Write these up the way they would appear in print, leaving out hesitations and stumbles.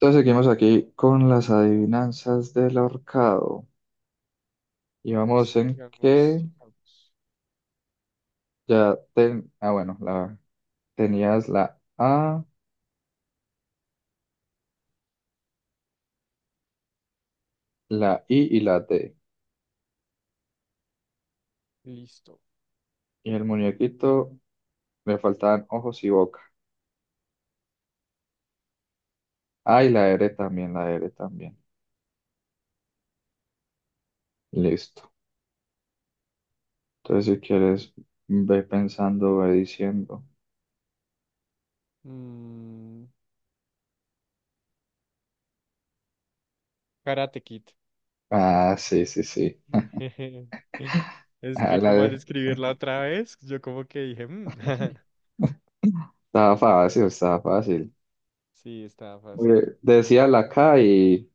Entonces seguimos aquí con las adivinanzas del ahorcado. Y vamos en Sigamos, que sigamos. Ah, bueno, tenías la A, la I y la D. Listo. Y el muñequito le faltaban ojos y boca. Ah, y la R también, la R también. Listo. Entonces, si quieres, ve pensando, ve diciendo. Mm, Karate Kid. Ah, sí, sí, sí. Es Ah, que la como al de- escribirla otra vez, yo como que dije, "Mm". Estaba fácil, estaba fácil. Sí, estaba fácil. Decía la K y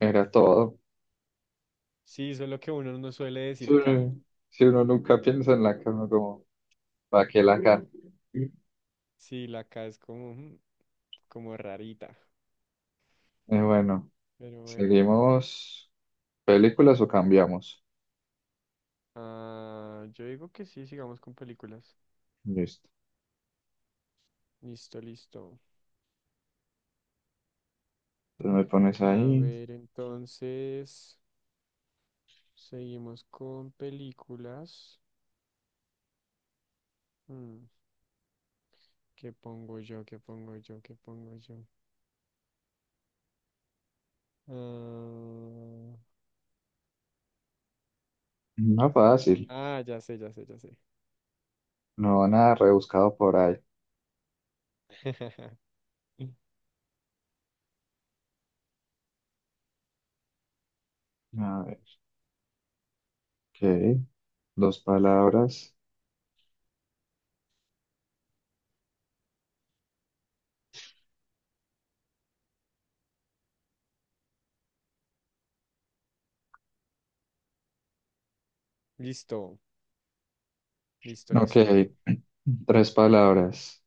era todo. Sí, solo que uno no suele Sí, decir K. si uno nunca piensa en la cama, como, ¿para qué la cama? Sí, la K es como, como rarita. Bueno, Pero bueno. ¿seguimos películas o cambiamos? Ah, yo digo que sí, sigamos con películas. Listo. Listo, listo. Entonces me pones A ahí. ver, entonces, seguimos con películas. Mm. ¿Qué pongo yo? ¿Qué pongo yo? ¿Qué pongo yo? Ah, No fácil, ah, ya sé, ya sé, ya sé. no nada rebuscado por ahí. A ver, ok, dos palabras. Listo, listo, Ok, listo. tres palabras.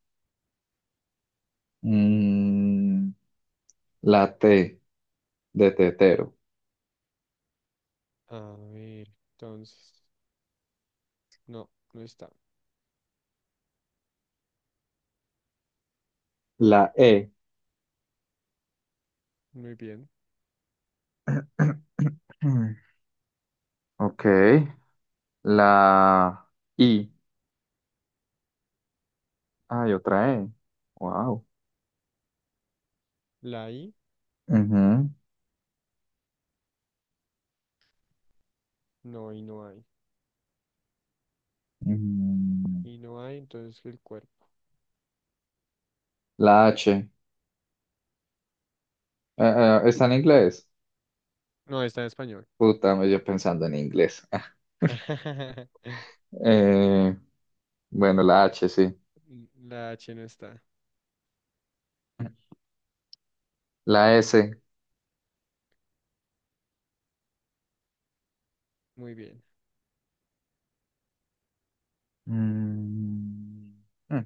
Mm, la T de tetero. A ver, entonces, no, no está. La E. Muy bien. Ok, la I. Hay otra E. Wow. La I, Ujú. no, y no hay. Mm, Y no hay, entonces el cuerpo. La H. ¿Está en inglés? No, está en español. Puta, me yo pensando en inglés. Eh, bueno, la H, sí. La H no está. La S. Muy bien, Mm, mm,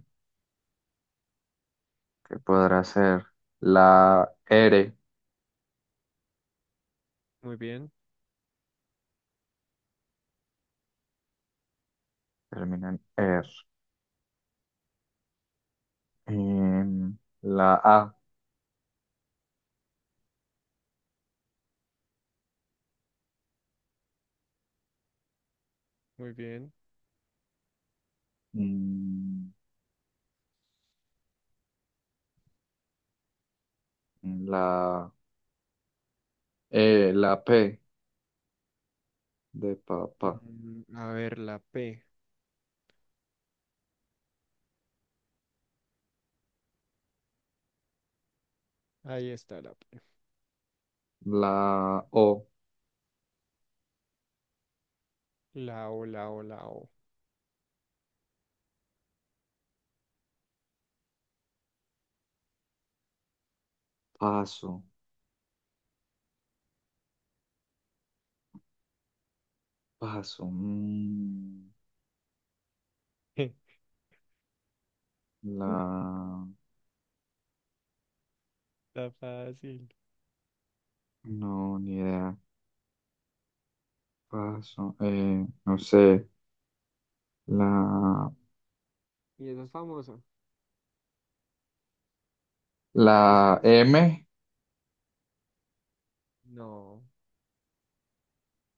¿Qué podrá ser? La R. muy bien, Termina en R. Em, la A. muy bien. Mm, La E. La P. De papá. A ver, la P. Ahí está la P. La O. La O, la O, la O. Paso. Paso. Mm, la Está fácil. No, ni idea. Paso. No sé. La, Y esa es famosa. Es la con... M. No,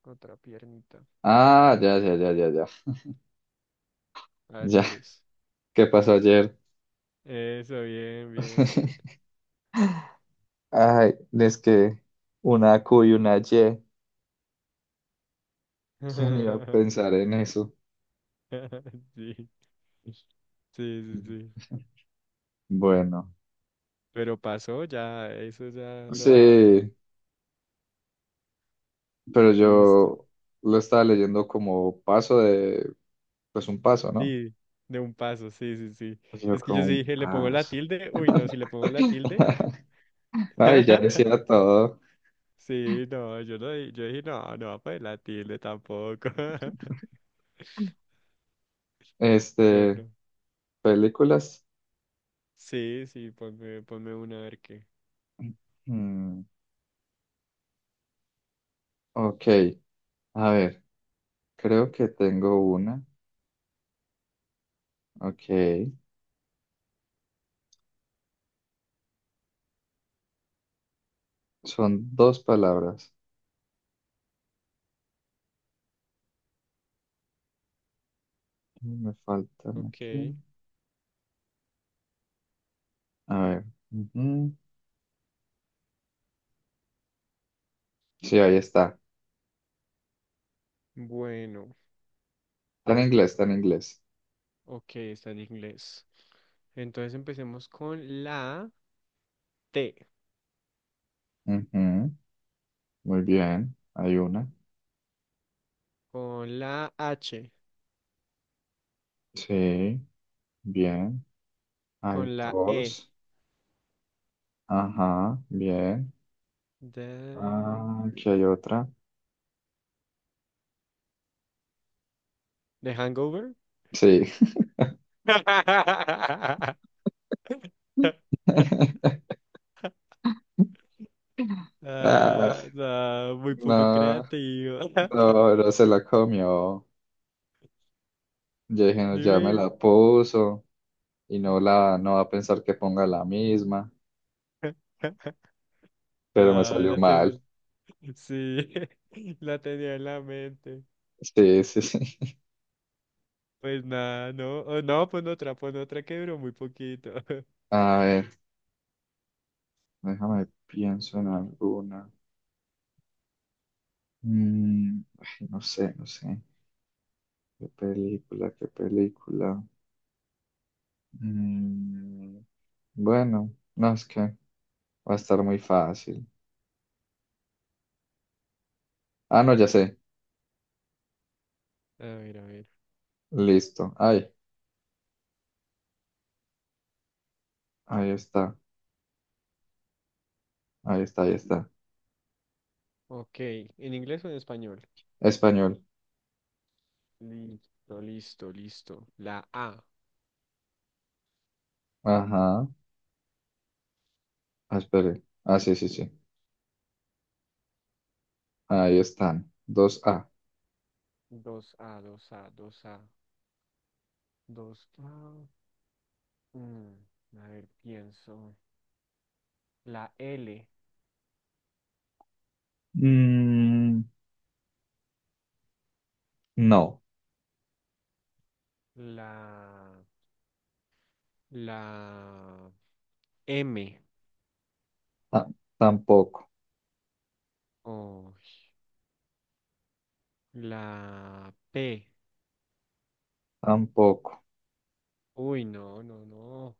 otra piernita. Ah, ya, ya, ya, ya, ya. A ver Ya. cuál es. ¿Qué pasó ayer? Eso, bien, bien, bien. Ay, es que una Q y una Y. ¿Quién iba a pensar en eso? Sí, sí, sí, sí. Bueno, Pero pasó ya, eso ya lo daba todo. sí, pero Listo. yo lo estaba leyendo como paso de, pues un paso, ¿no? Sí, de un paso, sí, sí, sí. Yo Es que yo como sí un dije, ¿le pongo la paso. tilde? Uy, no, si le pongo la tilde. Ay, ya decía todo. Sí, no, yo no, yo dije, no, no va a poner la tilde tampoco. Yo Este. no. Películas. Sí, sí, ponme una a ver qué. Mm, ok, a ver, creo que tengo una. Ok, son dos palabras. Me faltan Ok, aquí. A ver. Ujú. Sí, ahí está. bueno, Está en inglés, está en inglés. ok, está en inglés. Entonces empecemos con la T, Ujú, muy bien, hay una. con la H, Sí, bien. Hay con la E. dos. Ajá, bien. ¿De, Ah, aquí hay otra. de Hangover? Sí. Ah, Ah, no, muy poco no, creativo. no, no se la comió. Yo dije, no, ya me Dime. la puso y no va a pensar que ponga la misma, pero me No, salió la tenía. mal. Sí, la tenía en la mente. Sí, sí, sí. Pues nada, no. Oh, no, pon otra que duró muy poquito. A ver, déjame, pienso en alguna. Ay, no sé, no sé. ¿Qué película, qué película? Mm, bueno, no, es que va a estar muy fácil. Ah, no, ya sé. A ver, a ver. Listo. Ay, ahí está, ahí está, ahí está. Ok, ¿en inglés o en español? Español. Listo, listo, listo. La A. Ajá. Ah, espere. Ah, sí, sí, sí. Ahí están. Dos a... Dos a, dos a, dos a, dos a. Mm, a ver, pienso. La L. Mm, no, La. La M. ta- tampoco, Oh, la P. tampoco. Uy, no, no, no.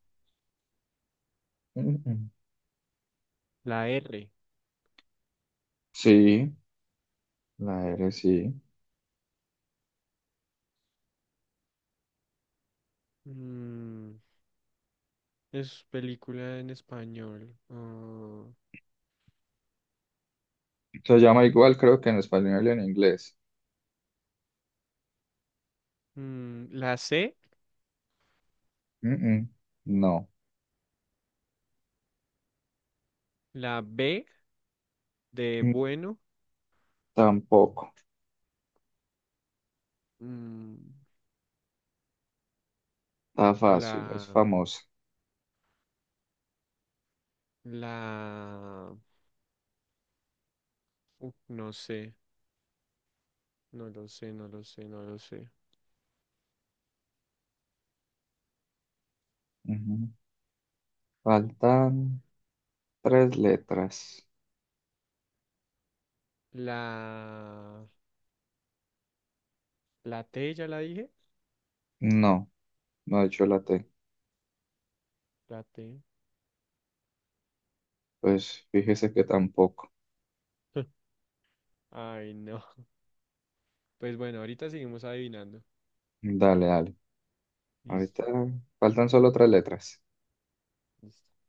Mm-mm. La R. Sí, la R sí. Mm, Es película en español. Ah, Se llama igual, creo que en español y en inglés. La C, Mm-mm. No, la B de Mm, bueno, tampoco. mm, Está fácil, es la, famosa. la, no sé, no lo sé, no lo sé, no lo sé. Ujú. Faltan tres letras. La, la T ya la dije, No, no he hecho la T. la T. Pues fíjese que tampoco. Ay, no. Pues bueno, ahorita seguimos adivinando. Dale, dale. Listo, Ahorita faltan solo tres letras. listo.